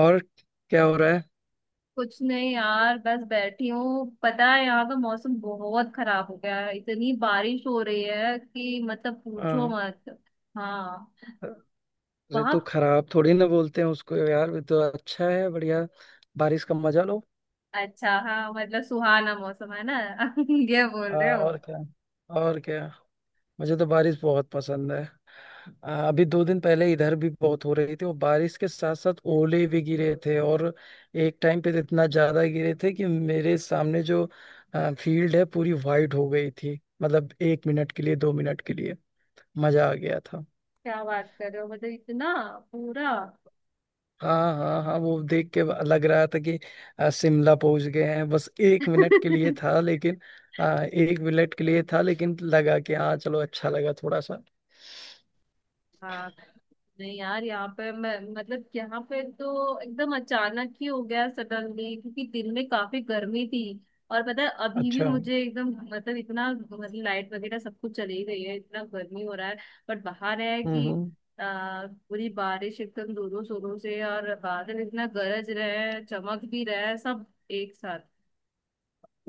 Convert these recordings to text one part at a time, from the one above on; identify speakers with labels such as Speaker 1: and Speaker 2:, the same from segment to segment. Speaker 1: और क्या हो रहा है?
Speaker 2: कुछ नहीं यार, बस बैठी हूँ। पता है, यहाँ का मौसम बहुत खराब हो गया है। इतनी बारिश हो रही है कि मतलब पूछो
Speaker 1: हाँ।
Speaker 2: मत। हाँ।
Speaker 1: अरे,
Speaker 2: वहाँ।
Speaker 1: तो खराब थोड़ी ना बोलते हैं उसको यार, ये तो अच्छा है, बढ़िया। बारिश का मजा लो।
Speaker 2: अच्छा, हाँ, मतलब सुहाना मौसम है ना। ये बोल
Speaker 1: हाँ,
Speaker 2: रहे हो?
Speaker 1: और क्या। और क्या। मुझे तो बारिश बहुत पसंद है। अभी 2 दिन पहले इधर भी बहुत हो रही थी, और बारिश के साथ साथ ओले भी गिरे थे। और एक टाइम पे तो इतना ज्यादा गिरे थे कि मेरे सामने जो फील्ड है पूरी वाइट हो गई थी, मतलब 1 मिनट के लिए, 2 मिनट के लिए। मजा आ गया था।
Speaker 2: क्या बात कर रहे हो, मतलब इतना पूरा।
Speaker 1: हाँ, हाँ, हाँ, वो देख के लग रहा था कि शिमला पहुंच गए हैं। बस 1 मिनट के लिए था लेकिन। 1 मिनट के लिए था लेकिन लगा कि हाँ चलो, अच्छा लगा थोड़ा सा।
Speaker 2: हाँ। नहीं यार, यहाँ पे मैं, मतलब यहाँ पे तो एकदम अचानक ही हो गया, सडनली, क्योंकि दिन में काफी गर्मी थी। और पता है, अभी भी
Speaker 1: अच्छा।
Speaker 2: मुझे एकदम, मतलब इतना, मतलब लाइट वगैरह सब कुछ चली गई है, इतना गर्मी हो रहा है। बट बाहर है
Speaker 1: हम्म
Speaker 2: कि
Speaker 1: हम्म।
Speaker 2: पूरी बारिश एकदम जोरों शोरों से, और बादल इतना गरज रहे हैं, चमक भी रहे हैं, सब एक साथ।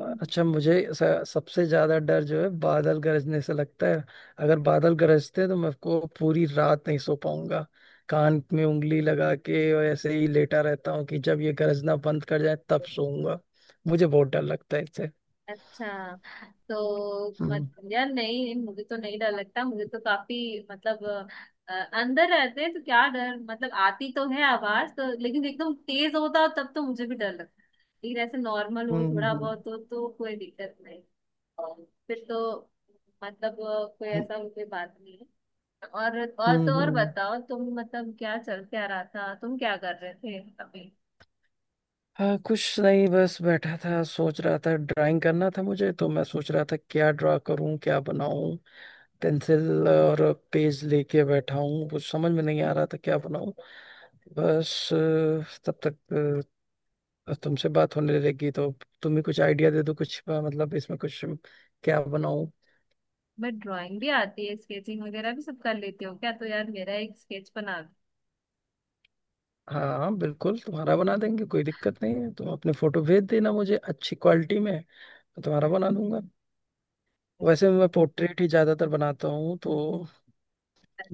Speaker 1: अच्छा, मुझे सबसे ज्यादा डर जो है बादल गरजने से लगता है। अगर बादल गरजते हैं तो मैं को पूरी रात नहीं सो पाऊंगा। कान में उंगली लगा के और ऐसे ही लेटा रहता हूँ कि जब ये गरजना बंद कर जाए तब सोऊंगा। मुझे बहुत डर लगता है इससे।
Speaker 2: अच्छा। तो मत,
Speaker 1: हम्म
Speaker 2: यार, नहीं, मुझे तो नहीं डर लगता। मुझे तो काफी मतलब अ, अंदर रहते हैं तो क्या डर। मतलब आती तो है आवाज तो, लेकिन एकदम तेज होता हो तब तो मुझे भी डर लगता है। लेकिन ऐसे नॉर्मल हो, थोड़ा
Speaker 1: हम्म हम्म।
Speaker 2: बहुत हो तो कोई दिक्कत नहीं। और फिर तो मतलब कोई
Speaker 1: हम्म।
Speaker 2: ऐसा कोई बात नहीं है। और
Speaker 1: हम्म
Speaker 2: तो और
Speaker 1: हम्म।
Speaker 2: बताओ तुम, मतलब क्या चल, क्या रहा था, तुम क्या कर रहे थे अभी?
Speaker 1: हाँ, कुछ नहीं, बस बैठा था सोच रहा था ड्राइंग करना था मुझे, तो मैं सोच रहा था क्या ड्रा करूं, क्या बनाऊं। पेंसिल और पेज लेके बैठा हूं, कुछ समझ में नहीं आ रहा था क्या बनाऊं। बस तब तक तुमसे बात होने लगी, तो तुम भी कुछ आइडिया दे दो। कुछ मतलब इसमें कुछ क्या बनाऊं?
Speaker 2: मैं ड्राइंग भी आती है, स्केचिंग वगैरह भी सब कर लेती हूँ, क्या तो यार मेरा एक स्केच बना।
Speaker 1: हाँ, हाँ, बिल्कुल, तुम्हारा बना देंगे, कोई दिक्कत नहीं है। तुम अपने फोटो भेज देना मुझे अच्छी क्वालिटी में, मैं तुम्हारा बना दूंगा।
Speaker 2: हाँ।
Speaker 1: वैसे मैं पोर्ट्रेट ही ज्यादातर बनाता हूँ, तो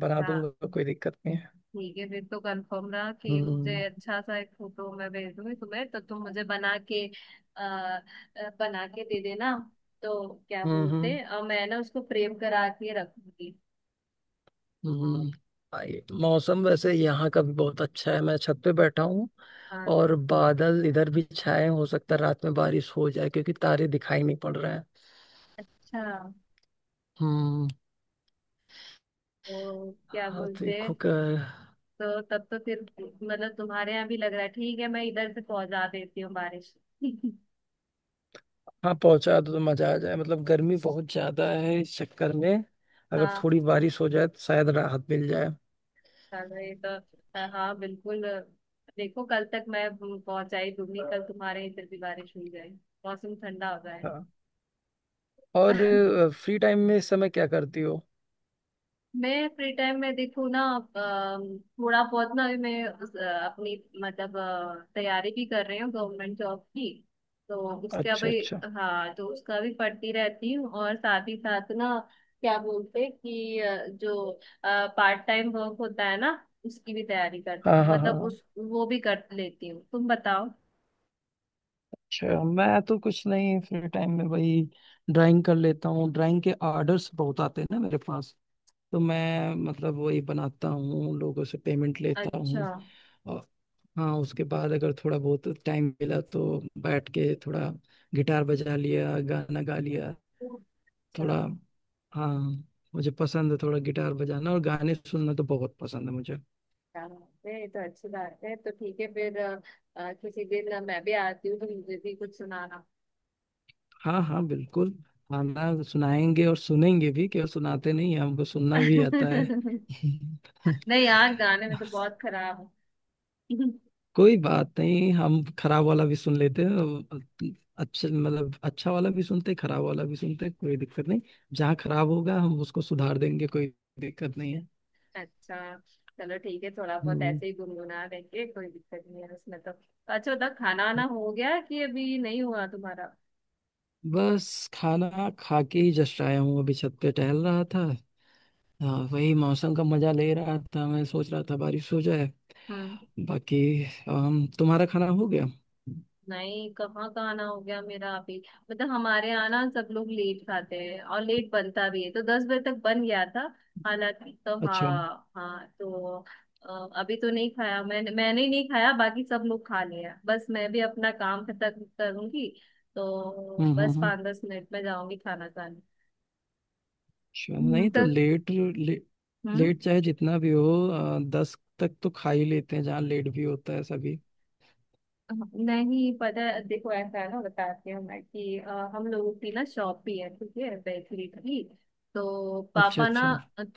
Speaker 1: बना दूंगा, कोई दिक्कत नहीं है।
Speaker 2: ठीक है, फिर तो कंफर्म रहा कि मुझे
Speaker 1: हम्म
Speaker 2: अच्छा सा एक फोटो मैं भेज दूंगी तुम्हें, तो तुम मुझे बना के आ, आ, बना के दे देना। तो क्या
Speaker 1: हम्म
Speaker 2: बोलते
Speaker 1: हम्म
Speaker 2: हैं, मैं ना उसको फ्रेम करा के रखूंगी।
Speaker 1: हम्म। मौसम वैसे यहाँ का भी बहुत अच्छा है, मैं छत पे बैठा हूँ।
Speaker 2: हाँ।
Speaker 1: और बादल इधर भी छाए हैं। हो सकता है रात में बारिश हो जाए क्योंकि तारे दिखाई नहीं पड़ रहे हैं।
Speaker 2: अच्छा,
Speaker 1: हम्म।
Speaker 2: तो क्या
Speaker 1: हाँ,
Speaker 2: बोलते हैं।
Speaker 1: देखो।
Speaker 2: तो तब तो फिर मतलब तुम्हारे यहाँ भी लग रहा है। ठीक है, मैं इधर से पहुंचा देती हूँ बारिश।
Speaker 1: हाँ, पहुंचा दो तो मजा आ जाए, मतलब गर्मी बहुत ज्यादा है इस चक्कर में। अगर
Speaker 2: हाँ,
Speaker 1: थोड़ी बारिश हो जाए तो शायद राहत मिल जाए।
Speaker 2: चलो ये तो हाँ बिल्कुल। देखो, कल तक मैं पहुंचाई दूंगी, कल तुम्हारे इधर भी बारिश हो जाए, मौसम ठंडा हो जाए।
Speaker 1: हाँ। और फ्री टाइम में इस समय क्या करती हो?
Speaker 2: मैं फ्री टाइम में देखूँ ना, थोड़ा बहुत ना, अभी मैं अपनी मतलब तैयारी भी कर रही हूँ गवर्नमेंट जॉब की। तो उसका
Speaker 1: अच्छा
Speaker 2: भी।
Speaker 1: अच्छा।
Speaker 2: हाँ, तो उसका भी पढ़ती रहती हूँ, और साथ ही साथ ना, क्या बोलते हैं कि जो पार्ट टाइम वर्क होता है ना, उसकी भी तैयारी कर,
Speaker 1: हाँ हाँ
Speaker 2: मतलब
Speaker 1: हाँ।
Speaker 2: उस वो भी कर लेती हूँ। तुम बताओ।
Speaker 1: अच्छा, मैं तो कुछ नहीं, फ्री टाइम में वही ड्राइंग कर लेता हूँ। ड्राइंग के आर्डर्स बहुत आते हैं ना मेरे पास, तो मैं मतलब वही बनाता हूँ, लोगों से पेमेंट लेता हूँ।
Speaker 2: अच्छा,
Speaker 1: और हाँ, उसके बाद अगर थोड़ा बहुत टाइम मिला तो बैठ के थोड़ा गिटार बजा लिया, गाना गा लिया थोड़ा।
Speaker 2: अच्छा।
Speaker 1: हाँ, मुझे पसंद है थोड़ा गिटार बजाना, और गाने सुनना तो बहुत पसंद है मुझे।
Speaker 2: क्या बात है, ये तो अच्छी बात है। तो ठीक है फिर, किसी दिन मैं भी आती हूँ तो मुझे भी कुछ सुनाना।
Speaker 1: हाँ, हाँ, बिल्कुल। खाना सुनाएंगे और सुनेंगे भी, क्यों सुनाते नहीं हैं, हमको सुनना भी आता है।
Speaker 2: नहीं यार, गाने में तो बहुत खराब हूँ।
Speaker 1: कोई बात नहीं, हम खराब वाला भी सुन लेते हैं। और अच्छा, मतलब अच्छा वाला भी सुनते हैं, खराब वाला भी सुनते हैं, कोई दिक्कत नहीं। जहाँ खराब होगा हम उसको सुधार देंगे, कोई दिक्कत नहीं है।
Speaker 2: अच्छा। चलो ठीक है, थोड़ा बहुत
Speaker 1: हम्म
Speaker 2: ऐसे ही गुनगुना लेंगे, कोई दिक्कत नहीं है उसमें तो। अच्छा बता, खाना वाना हो गया कि अभी नहीं हुआ तुम्हारा?
Speaker 1: बस खाना खा के ही जस्ट आया हूँ, अभी छत पे टहल रहा था। हाँ, वही मौसम का मजा ले रहा था, मैं सोच रहा था बारिश हो जाए।
Speaker 2: हम्म।
Speaker 1: बाकी तुम्हारा खाना हो गया?
Speaker 2: नहीं, कहाँ का आना हो गया मेरा अभी। मतलब हमारे यहाँ ना सब लोग लेट खाते हैं और लेट बनता भी है, तो 10 बजे तक बन गया था, हालांकि तो।
Speaker 1: अच्छा।
Speaker 2: हाँ हाँ तो। अभी तो नहीं खाया, मैंने मैंने नहीं खाया, बाकी सब लोग खा लिया। बस मैं भी अपना काम खत्म करूंगी, तो बस
Speaker 1: हम्म।
Speaker 2: 5-10 मिनट में जाऊंगी खाना खाने।
Speaker 1: अच्छा,
Speaker 2: हम्म,
Speaker 1: नहीं तो
Speaker 2: तो
Speaker 1: लेट
Speaker 2: हम्म।
Speaker 1: लेट चाहे जितना भी हो 10 तक तो खा ही लेते हैं, जहाँ लेट भी होता है सभी।
Speaker 2: हाँ, नहीं, पता है, देखो ऐसा है ना, बताती हूँ मैं कि हम लोगों की ना शॉप भी है, ठीक है, बेकरी की। तो
Speaker 1: अच्छा
Speaker 2: पापा ना
Speaker 1: अच्छा।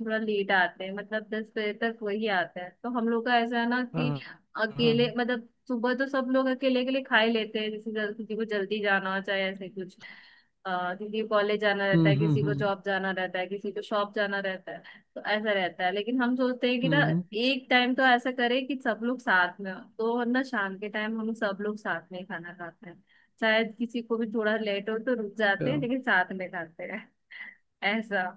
Speaker 2: थोड़ा लेट आते हैं, मतलब 10 बजे तक वही आते हैं, तो हम लोग का ऐसा है ना कि।
Speaker 1: हाँ हाँ।
Speaker 2: अकेले मतलब सुबह तो सब लोग अकेले अकेले खा ही लेते हैं, जैसे किसी को जल्दी जाना हो, चाहे ऐसे कुछ। किसी को कॉलेज जाना रहता
Speaker 1: हम्म
Speaker 2: है,
Speaker 1: हम्म
Speaker 2: किसी को
Speaker 1: हम्म
Speaker 2: जॉब जाना रहता है, किसी को शॉप जाना रहता है। तो ऐसा रहता है, लेकिन हम सोचते हैं कि ना,
Speaker 1: हम्म।
Speaker 2: एक टाइम तो ऐसा करें कि सब लोग साथ में हो, तो ना शाम के टाइम हम सब लोग साथ में ही खाना खाते हैं। शायद किसी को भी थोड़ा लेट हो तो रुक जाते हैं,
Speaker 1: अच्छा।
Speaker 2: लेकिन साथ में खाते हैं। ऐसा।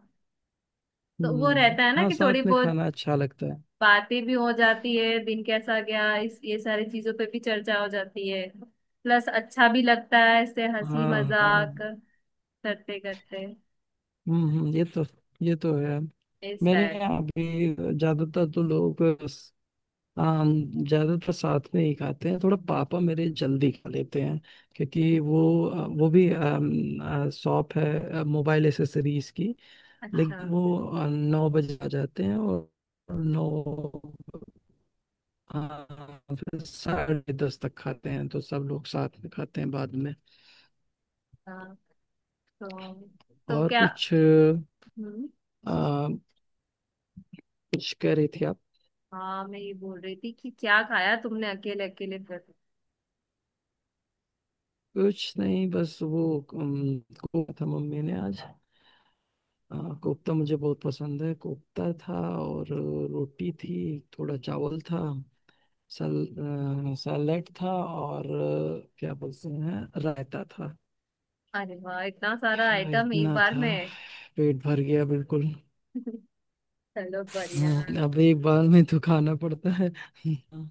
Speaker 2: तो वो रहता है ना
Speaker 1: हाँ,
Speaker 2: कि थोड़ी
Speaker 1: साथ में
Speaker 2: बहुत
Speaker 1: खाना अच्छा लगता है।
Speaker 2: बातें भी हो जाती है, दिन कैसा गया इस, ये सारी चीजों पे भी चर्चा हो जाती है। प्लस अच्छा भी लगता है इससे, हंसी
Speaker 1: हाँ हाँ।
Speaker 2: मजाक करते करते।
Speaker 1: हम्म हम्म, ये तो ये तो है।
Speaker 2: इस
Speaker 1: मेरे
Speaker 2: टाइप।
Speaker 1: यहाँ भी ज्यादातर तो लोग, हाँ हम ज्यादातर साथ में ही खाते हैं। थोड़ा पापा मेरे जल्दी खा लेते हैं, क्योंकि वो वो भी शॉप है मोबाइल एसेसरीज की।
Speaker 2: अच्छा।
Speaker 1: लेकिन वो 9 बजे आ जाते हैं। और नौ, हाँ, फिर 10:30 तक खाते हैं तो सब लोग साथ में खाते हैं बाद में।
Speaker 2: हाँ, तो तो
Speaker 1: और
Speaker 2: क्या।
Speaker 1: कुछ
Speaker 2: हम्म।
Speaker 1: कुछ कह रही थी आप?
Speaker 2: हाँ, मैं ये बोल रही थी कि क्या खाया तुमने अकेले अकेले फिर।
Speaker 1: कुछ नहीं, बस वो को था, मम्मी ने आज, हाँ कोफ्ता, मुझे बहुत पसंद है। कोफ्ता था, और रोटी थी, थोड़ा चावल था, सल सैलेड था, और क्या बोलते हैं रायता था।
Speaker 2: अरे वाह, इतना सारा
Speaker 1: हाँ,
Speaker 2: आइटम एक
Speaker 1: इतना
Speaker 2: बार
Speaker 1: था,
Speaker 2: में!
Speaker 1: पेट भर गया बिल्कुल।
Speaker 2: चलो बढ़िया।
Speaker 1: अब एक बार में तो खाना पड़ता है। हाँ।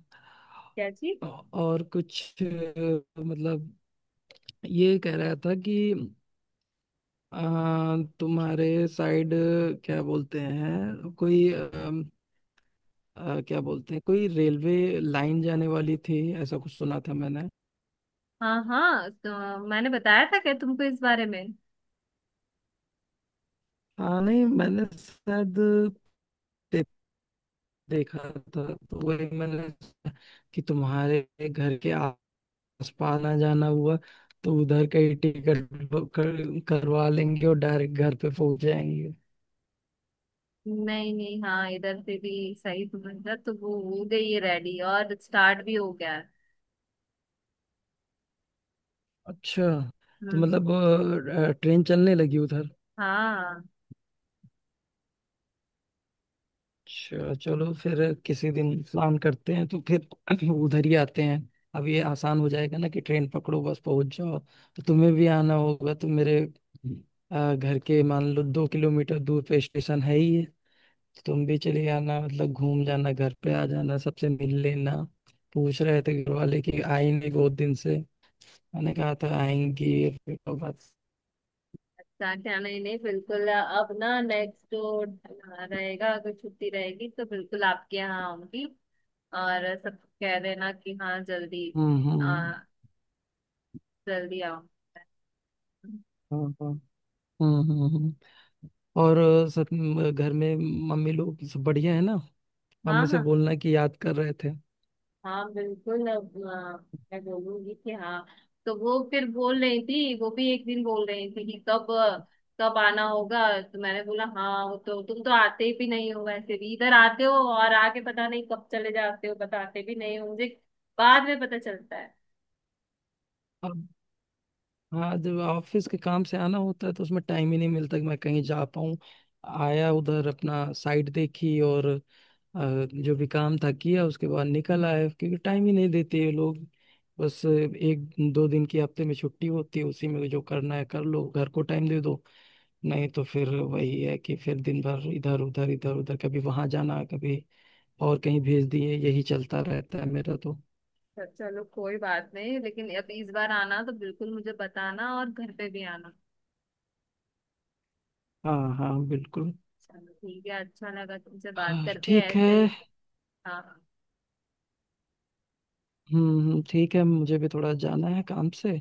Speaker 2: क्या जी।
Speaker 1: और कुछ मतलब ये कह रहा था कि अ, तुम्हारे साइड क्या बोलते हैं कोई क्या बोलते हैं कोई रेलवे लाइन जाने वाली थी, ऐसा कुछ सुना था मैंने।
Speaker 2: हाँ, हाँ, तो मैंने बताया था क्या तुमको इस बारे में।
Speaker 1: हाँ नहीं, मैंने शायद दे- देखा था, तो वही मैंने कि तुम्हारे घर के आसपास ना जाना हुआ तो उधर का ही टिकट बुक करवा लेंगे, और डायरेक्ट घर पे पहुंच जाएंगे।
Speaker 2: नहीं नहीं, हाँ, इधर से भी सही समझा, तो वो हो गई है रेडी और स्टार्ट भी हो गया है।
Speaker 1: अच्छा, तो
Speaker 2: हम्म।
Speaker 1: मतलब ट्रेन चलने लगी उधर।
Speaker 2: हाँ।
Speaker 1: अच्छा, चलो फिर किसी दिन प्लान करते हैं, तो फिर उधर ही आते हैं। अब ये आसान हो जाएगा ना कि ट्रेन पकड़ो, बस पहुंच जाओ। तो तुम्हें भी आना होगा, तो मेरे घर के मान लो 2 किलोमीटर दूर पे स्टेशन है ही है। तो तुम भी चले आना, मतलब घूम जाना, घर पे आ जाना, सबसे मिल लेना। पूछ रहे थे घर वाले कि आएंगे बहुत दिन से, मैंने कहा था आएंगे, फिर तो बस।
Speaker 2: अच्छा क्या, नहीं नहीं, बिल्कुल, अब ना नेक्स्ट जो रहेगा, अगर छुट्टी रहेगी तो बिल्कुल आपके यहाँ आऊंगी। और सब कह देना कि हाँ जल्दी, आ,
Speaker 1: हम्म।
Speaker 2: जल्दी आओ।
Speaker 1: हाँ हाँ। हम्म हम्म हम्म। और सब घर में मम्मी लोग सब बढ़िया है ना?
Speaker 2: हाँ
Speaker 1: मम्मी से
Speaker 2: हाँ।
Speaker 1: बोलना कि याद कर रहे थे।
Speaker 2: हाँ बिल्कुल अब, मैं बोलूंगी कि हाँ। तो वो फिर बोल रही थी, वो भी एक दिन बोल रही थी कि कब कब आना होगा। तो मैंने बोला, हाँ वो तो, तुम तो आते भी नहीं हो, वैसे भी इधर आते हो और आके पता नहीं कब चले जाते हो, बताते भी नहीं हो मुझे, बाद में पता चलता है।
Speaker 1: अब, हाँ जब ऑफिस के काम से आना होता है तो उसमें टाइम ही नहीं मिलता कि मैं कहीं जा पाऊँ। आया उधर, अपना साइट देखी और जो भी काम था किया, उसके बाद निकल आया, क्योंकि टाइम ही नहीं देते ये लोग। बस 1-2 दिन की हफ्ते में छुट्टी होती है, उसी में जो करना है कर लो, घर को टाइम दे दो। नहीं तो फिर वही है कि फिर दिन भर इधर उधर इधर उधर, कभी वहां जाना, कभी और कहीं भेज दिए, यही चलता रहता है मेरा तो।
Speaker 2: तो चलो कोई बात नहीं, लेकिन अब इस बार आना तो बिल्कुल मुझे बताना, और घर पे भी आना।
Speaker 1: हाँ हाँ बिल्कुल।
Speaker 2: चलो ठीक है, अच्छा लगा तुमसे बात
Speaker 1: हाँ,
Speaker 2: करके
Speaker 1: ठीक है।
Speaker 2: ऐसे ही। हाँ।
Speaker 1: ठीक है, मुझे भी थोड़ा जाना है काम से।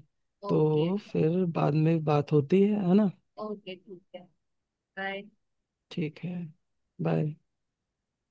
Speaker 2: ओके।
Speaker 1: तो फिर बाद में बात होती है ना।
Speaker 2: ओके, ठीक है। बाय।
Speaker 1: ठीक है। बाय।